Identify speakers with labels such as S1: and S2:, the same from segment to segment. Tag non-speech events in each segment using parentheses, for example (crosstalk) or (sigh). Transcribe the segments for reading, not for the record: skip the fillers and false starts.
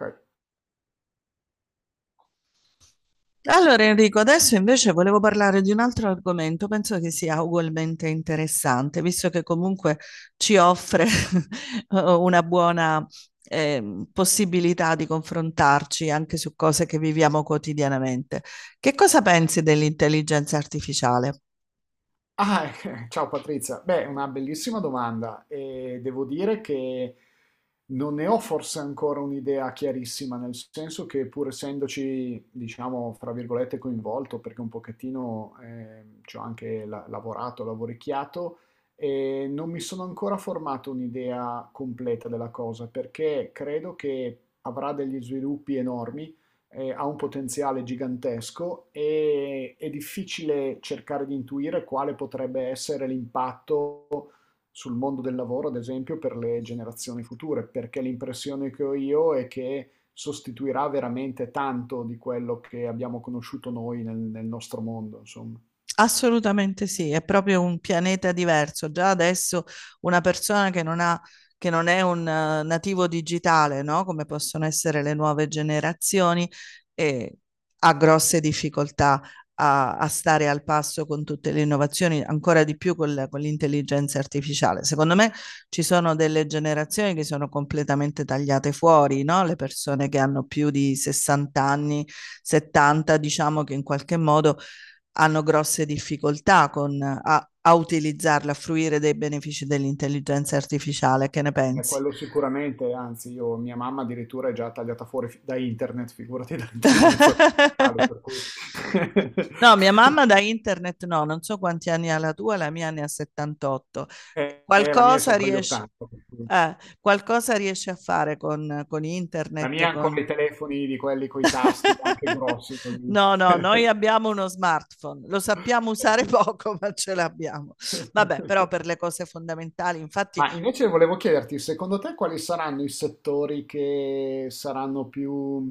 S1: Okay.
S2: Allora Enrico, adesso invece volevo parlare di un altro argomento, penso che sia ugualmente interessante, visto che comunque ci offre (laughs) una buona possibilità di confrontarci anche su cose che viviamo quotidianamente. Che cosa pensi dell'intelligenza artificiale?
S1: Ah, (laughs) Ciao Patrizia. Beh, è una bellissima domanda e devo dire che non ne ho forse ancora un'idea chiarissima, nel senso che pur essendoci, diciamo, fra virgolette, coinvolto, perché un pochettino ci ho anche lavorato, lavoricchiato, e non mi sono ancora formato un'idea completa della cosa, perché credo che avrà degli sviluppi enormi, ha un potenziale gigantesco e è difficile cercare di intuire quale potrebbe essere l'impatto sul mondo del lavoro, ad esempio, per le generazioni future, perché l'impressione che ho io è che sostituirà veramente tanto di quello che abbiamo conosciuto noi nel nostro mondo, insomma.
S2: Assolutamente sì, è proprio un pianeta diverso. Già adesso una persona che non ha, che non è un nativo digitale, no? Come possono essere le nuove generazioni, eh, ha grosse difficoltà a stare al passo con tutte le innovazioni, ancora di più con con l'intelligenza artificiale. Secondo me ci sono delle generazioni che sono completamente tagliate fuori, no? Le persone che hanno più di 60 anni, 70, diciamo che in qualche modo hanno grosse difficoltà a utilizzarla, a fruire dei benefici dell'intelligenza artificiale. Che ne
S1: Beh,
S2: pensi?
S1: quello sicuramente, anzi, io, mia mamma addirittura è già tagliata fuori da internet, figurati (laughs) dall'intelligenza artificiale,
S2: (laughs)
S1: per
S2: No, mia
S1: cui...
S2: mamma
S1: (laughs)
S2: da internet no, non so quanti anni ha la tua, la mia ne ha 78.
S1: La mia è
S2: Qualcosa
S1: sopra gli
S2: riesce,
S1: 80.
S2: qualcosa riesce a fare con
S1: La
S2: internet,
S1: mia ha ancora
S2: con...
S1: i telefoni di quelli coi tasti, anche
S2: (laughs)
S1: grossi così.
S2: No, no, noi abbiamo uno smartphone, lo sappiamo usare (laughs)
S1: (laughs)
S2: poco, ma ce l'abbiamo. Vabbè, però per le cose fondamentali, infatti.
S1: Ma invece volevo chiederti, secondo te quali saranno i settori che saranno più,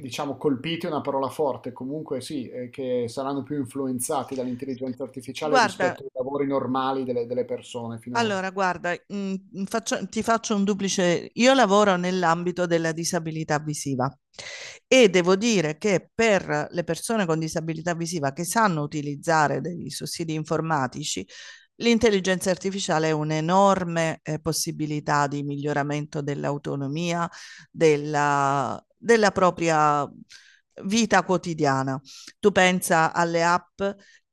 S1: diciamo, colpiti, è una parola forte, comunque sì, che saranno più influenzati dall'intelligenza artificiale
S2: Guarda,
S1: rispetto ai lavori normali delle persone finora?
S2: allora, guarda, ti faccio un duplice. Io lavoro nell'ambito della disabilità visiva e devo dire che per le persone con disabilità visiva che sanno utilizzare dei sussidi informatici, l'intelligenza artificiale è un'enorme possibilità di miglioramento dell'autonomia, della propria vita quotidiana. Tu pensa alle app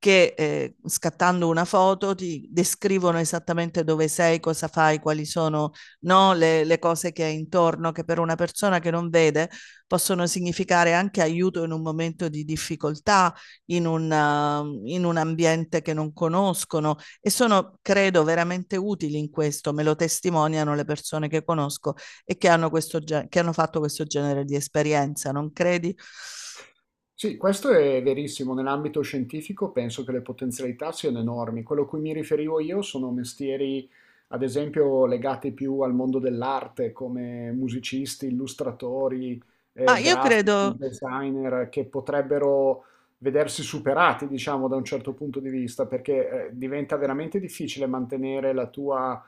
S2: che scattando una foto ti descrivono esattamente dove sei, cosa fai, quali sono no, cose che hai intorno, che per una persona che non vede possono significare anche aiuto in un momento di difficoltà, in in un ambiente che non conoscono, e sono, credo, veramente utili in questo, me lo testimoniano le persone che conosco e che hanno, questo, che hanno fatto questo genere di esperienza, non credi?
S1: Sì, questo è verissimo. Nell'ambito scientifico penso che le potenzialità siano enormi. Quello a cui mi riferivo io sono mestieri, ad esempio, legati più al mondo dell'arte, come musicisti, illustratori,
S2: Ma io
S1: grafici,
S2: credo,
S1: designer, che potrebbero vedersi superati, diciamo, da un certo punto di vista, perché diventa veramente difficile mantenere la tua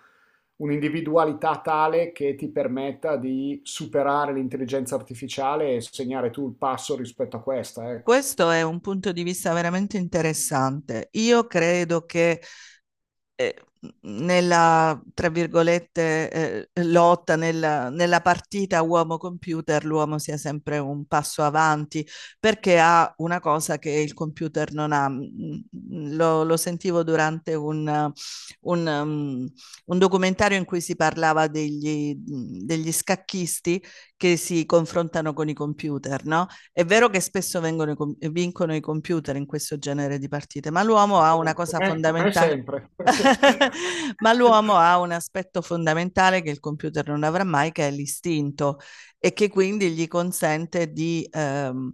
S1: un'individualità tale che ti permetta di superare l'intelligenza artificiale e segnare tu il passo rispetto a questa, ecco.
S2: questo è un punto di vista veramente interessante. Io credo che eh, nella, tra virgolette, lotta, nella partita uomo-computer, l'uomo sia sempre un passo avanti perché ha una cosa che il computer non ha. Mm, mm, lo sentivo durante un, um, un documentario in cui si parlava degli scacchisti che si confrontano con i computer, no? È vero che spesso vincono i computer in questo genere di partite, ma l'uomo ha una cosa
S1: Come
S2: fondamentale.
S1: sempre. (laughs)
S2: (laughs) Ma l'uomo ha un aspetto fondamentale che il computer non avrà mai, che è l'istinto e che quindi gli consente di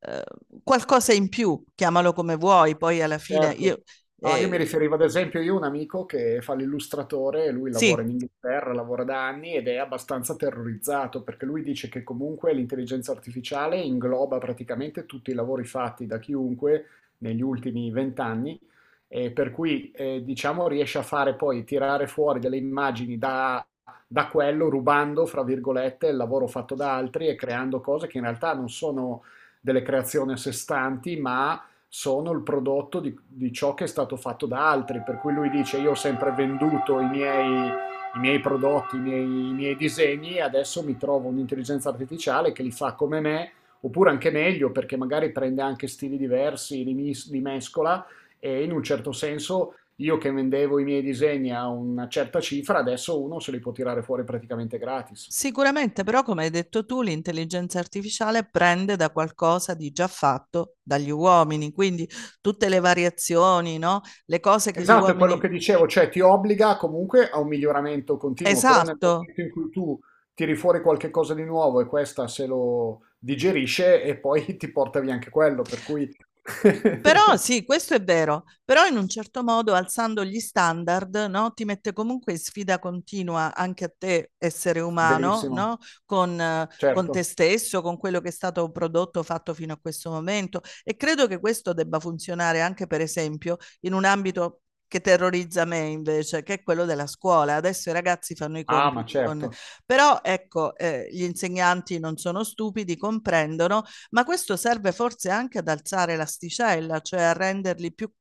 S2: eh, qualcosa in più, chiamalo come vuoi, poi alla fine
S1: Certo.
S2: io
S1: No, io mi
S2: eh,
S1: riferivo ad esempio, io ho un amico che fa l'illustratore, lui lavora in
S2: sì,
S1: Inghilterra, lavora da anni ed è abbastanza terrorizzato perché lui dice che comunque l'intelligenza artificiale ingloba praticamente tutti i lavori fatti da chiunque negli ultimi vent'anni e per cui diciamo riesce a fare poi tirare fuori delle immagini da quello rubando, fra virgolette, il lavoro fatto da altri e creando cose che in realtà non sono delle creazioni a sé stanti, ma sono il prodotto di ciò che è stato fatto da altri, per cui lui dice io ho sempre venduto i miei prodotti, i miei disegni e adesso mi trovo un'intelligenza artificiale che li fa come me, oppure anche meglio perché magari prende anche stili diversi, li, li mescola e in un certo senso io che vendevo i miei disegni a una certa cifra, adesso uno se li può tirare fuori praticamente gratis.
S2: sicuramente, però come hai detto tu, l'intelligenza artificiale prende da qualcosa di già fatto dagli uomini, quindi tutte le variazioni, no? Le cose che gli
S1: Esatto, è quello
S2: uomini.
S1: che dicevo, cioè ti obbliga comunque a un miglioramento continuo, però nel
S2: Esatto.
S1: momento in cui tu tiri fuori qualche cosa di nuovo e questa se lo digerisce e poi (laughs) ti porta via anche quello, per cui (laughs)
S2: Però sì, questo è vero, però in un certo modo alzando gli standard, no, ti mette comunque in sfida continua anche a te essere umano, no?
S1: verissimo,
S2: Con te
S1: certo.
S2: stesso, con quello che è stato prodotto, fatto fino a questo momento. E credo che questo debba funzionare anche, per esempio, in un ambito che terrorizza me invece, che è quello della scuola. Adesso i ragazzi fanno i
S1: Ah, ma
S2: compiti con...
S1: certo.
S2: Però ecco, gli insegnanti non sono stupidi, comprendono ma questo serve forse anche ad alzare l'asticella, cioè a renderli più,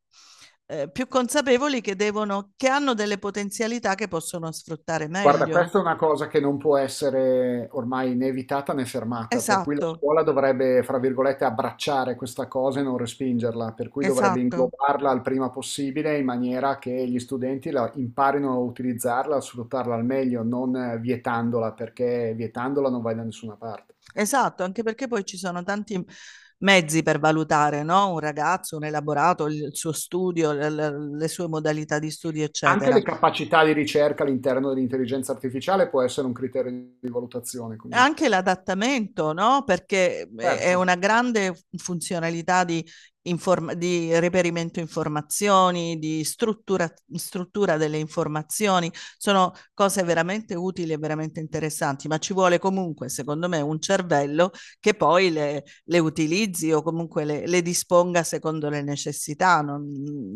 S2: più consapevoli che, devono, che hanno delle potenzialità che possono sfruttare
S1: Guarda,
S2: meglio.
S1: questa è una cosa che non può essere ormai né evitata né fermata, per cui la
S2: Esatto,
S1: scuola dovrebbe, fra virgolette, abbracciare questa cosa e non respingerla, per cui dovrebbe
S2: esatto,
S1: inglobarla il prima possibile in maniera che gli studenti la imparino a utilizzarla, a sfruttarla al meglio, non vietandola, perché vietandola non vai da nessuna parte.
S2: esatto, anche perché poi ci sono tanti mezzi per valutare, no? Un ragazzo, un elaborato, il suo studio, le sue modalità di studio,
S1: Anche
S2: eccetera.
S1: le capacità di ricerca all'interno dell'intelligenza artificiale può essere un criterio di valutazione comunque.
S2: Anche l'adattamento, no? Perché è
S1: Certo.
S2: una grande funzionalità di reperimento informazioni, di struttura, struttura delle informazioni. Sono cose veramente utili e veramente interessanti, ma ci vuole comunque, secondo me, un cervello che poi le utilizzi o comunque le disponga secondo le necessità. Non,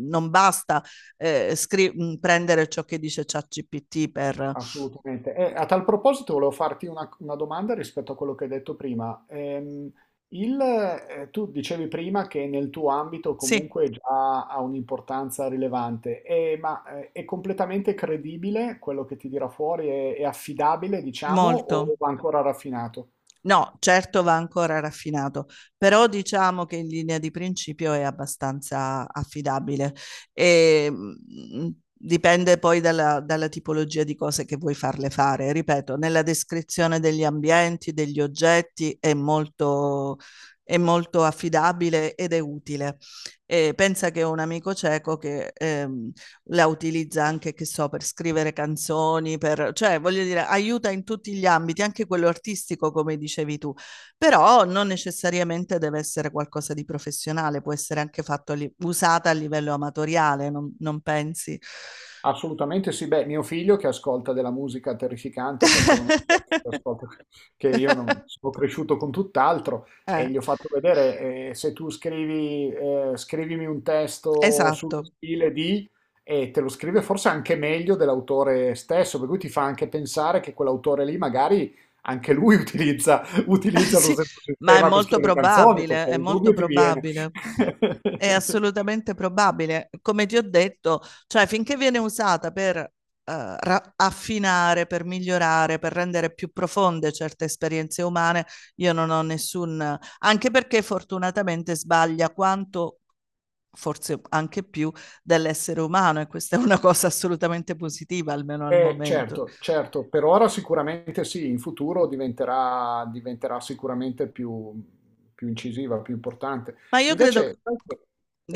S2: non basta prendere ciò che dice ChatGPT per...
S1: Assolutamente. E a tal proposito volevo farti una domanda rispetto a quello che hai detto prima. Tu dicevi prima che nel tuo ambito
S2: Sì,
S1: comunque già ha un'importanza rilevante, ma è completamente credibile quello che ti dirà fuori, è affidabile, diciamo, o
S2: molto.
S1: va ancora raffinato?
S2: No, certo va ancora raffinato, però diciamo che in linea di principio è abbastanza affidabile. E, dipende poi dalla tipologia di cose che vuoi farle fare. Ripeto, nella descrizione degli ambienti, degli oggetti è molto affidabile ed è utile. E pensa che ho un amico cieco che la utilizza anche, che so, per scrivere canzoni, per, cioè voglio dire, aiuta in tutti gli ambiti, anche quello artistico, come dicevi tu, però non necessariamente deve essere qualcosa di professionale, può essere anche fatto, usata a livello amatoriale, non, non pensi?
S1: Assolutamente sì, beh, mio figlio che ascolta della musica terrificante perché è uno di quelli che
S2: (laughs)
S1: ascolta, che io non, sono cresciuto con tutt'altro e
S2: Eh,
S1: gli ho fatto vedere se tu scrivi, scrivimi un testo sullo
S2: esatto.
S1: stile di e te lo scrive forse anche meglio dell'autore stesso, per cui ti fa anche pensare che quell'autore lì magari anche lui (laughs)
S2: (laughs)
S1: utilizza lo
S2: Sì,
S1: stesso
S2: ma è
S1: sistema per
S2: molto
S1: scrivere canzoni,
S2: probabile,
S1: perché
S2: è
S1: il
S2: molto
S1: dubbio ti viene.
S2: probabile. È
S1: (laughs)
S2: assolutamente probabile. Come ti ho detto, cioè finché viene usata per affinare, per migliorare, per rendere più profonde certe esperienze umane, io non ho nessun... Anche perché fortunatamente sbaglia quanto, forse anche più, dell'essere umano e questa è una cosa assolutamente positiva, almeno al momento.
S1: Certo, certo, per ora sicuramente sì, in futuro diventerà, diventerà sicuramente più, più incisiva, più importante.
S2: Ma io credo...
S1: Invece, sai che-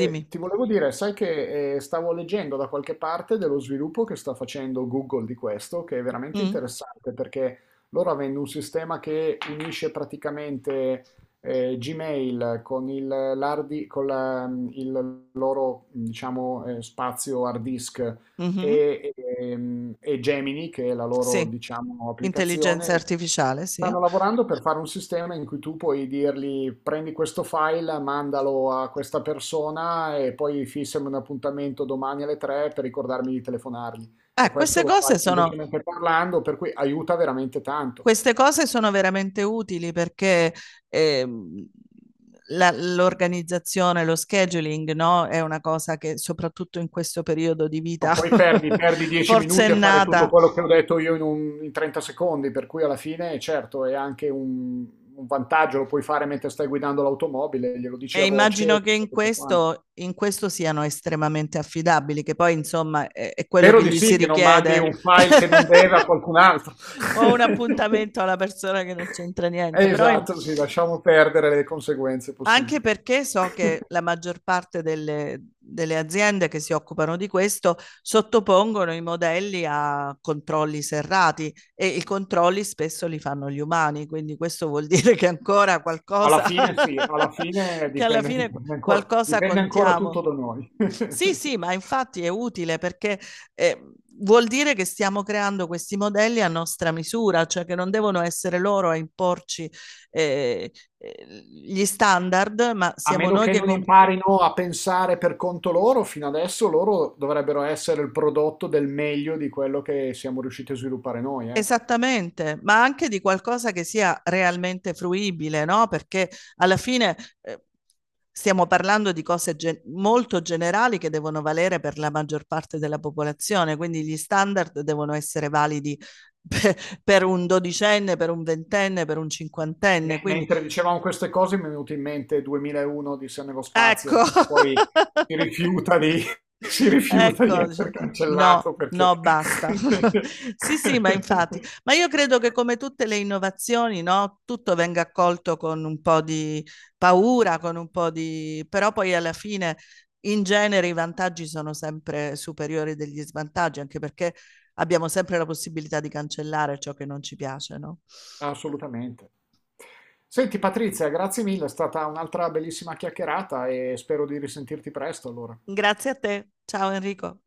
S1: eh, ti volevo dire, sai che stavo leggendo da qualche parte dello sviluppo che sta facendo Google di questo, che è veramente
S2: Mm?
S1: interessante perché loro avendo un sistema che unisce praticamente Gmail con il, l'hard di- con la- il loro, diciamo, spazio hard disk
S2: Mhm.
S1: e Gemini, che è la loro,
S2: Sì,
S1: diciamo, applicazione,
S2: intelligenza artificiale, sì.
S1: stanno lavorando per fare un sistema in cui tu puoi dirgli prendi questo file, mandalo a questa persona e poi fissami un appuntamento domani alle 3 per ricordarmi di telefonargli. E
S2: Eh,
S1: questo
S2: queste
S1: lo fai
S2: cose sono,
S1: semplicemente parlando, per cui aiuta veramente tanto.
S2: queste cose sono veramente utili perché ehm, l'organizzazione, lo scheduling, no, è una cosa che soprattutto in questo periodo di
S1: No,
S2: vita
S1: perdi
S2: (laughs)
S1: 10 minuti a fare tutto
S2: forsennata.
S1: quello che ho detto io in 30 secondi, per cui alla fine, certo, è anche un vantaggio, lo puoi fare mentre stai guidando l'automobile, glielo dici a
S2: E
S1: voce e
S2: immagino che
S1: tutto quanto.
S2: in questo siano estremamente affidabili, che poi insomma è quello
S1: Spero
S2: che
S1: di
S2: gli si
S1: sì, che non mandi
S2: richiede.
S1: un file che non deve a qualcun altro.
S2: (laughs) Ho un
S1: (laughs)
S2: appuntamento alla persona che non c'entra niente, però im-
S1: Esatto, sì, lasciamo perdere le conseguenze
S2: anche
S1: possibili.
S2: perché so che la
S1: (laughs)
S2: maggior parte delle aziende che si occupano di questo sottopongono i modelli a controlli serrati e i controlli spesso li fanno gli umani, quindi questo vuol (laughs) dire che ancora
S1: Alla
S2: qualcosa,
S1: fine sì, alla
S2: (laughs)
S1: fine
S2: che alla
S1: dipende,
S2: fine qualcosa
S1: dipende ancora
S2: contiamo.
S1: tutto da noi. (laughs)
S2: Sì, sì, ma infatti è utile perché eh, vuol dire che stiamo creando questi modelli a nostra misura, cioè che non devono essere loro a imporci eh, gli standard, ma
S1: A
S2: siamo
S1: meno
S2: noi
S1: che
S2: che...
S1: non
S2: com-
S1: imparino a pensare per conto loro, fino adesso loro dovrebbero essere il prodotto del meglio di quello che siamo riusciti a sviluppare noi, ecco.
S2: Esattamente, ma anche di qualcosa che sia realmente fruibile, no? Perché alla fine stiamo parlando di molto generali che devono valere per la maggior parte della popolazione, quindi gli standard devono essere validi (laughs) pe- per un dodicenne, per un ventenne, per un cinquantenne, quindi
S1: Mentre dicevamo queste cose mi è venuto in mente 2001 di Se nello spazio,
S2: ecco.
S1: poi
S2: (laughs)
S1: si rifiuta di, (laughs) si rifiuta di
S2: Ecco,
S1: essere
S2: dice,
S1: cancellato
S2: no,
S1: perché...
S2: no, basta.
S1: (laughs)
S2: (laughs) Sì, sì, ma infatti, ma io credo che come tutte le innovazioni, no, tutto venga accolto con un po' di paura, con un po' di... però poi alla fine in genere i vantaggi sono sempre superiori degli svantaggi, anche perché abbiamo sempre la possibilità di cancellare ciò che non ci piace, no?
S1: Assolutamente. Senti Patrizia, grazie mille, è stata un'altra bellissima chiacchierata e spero di risentirti presto allora.
S2: Grazie a te. Ciao Enrico.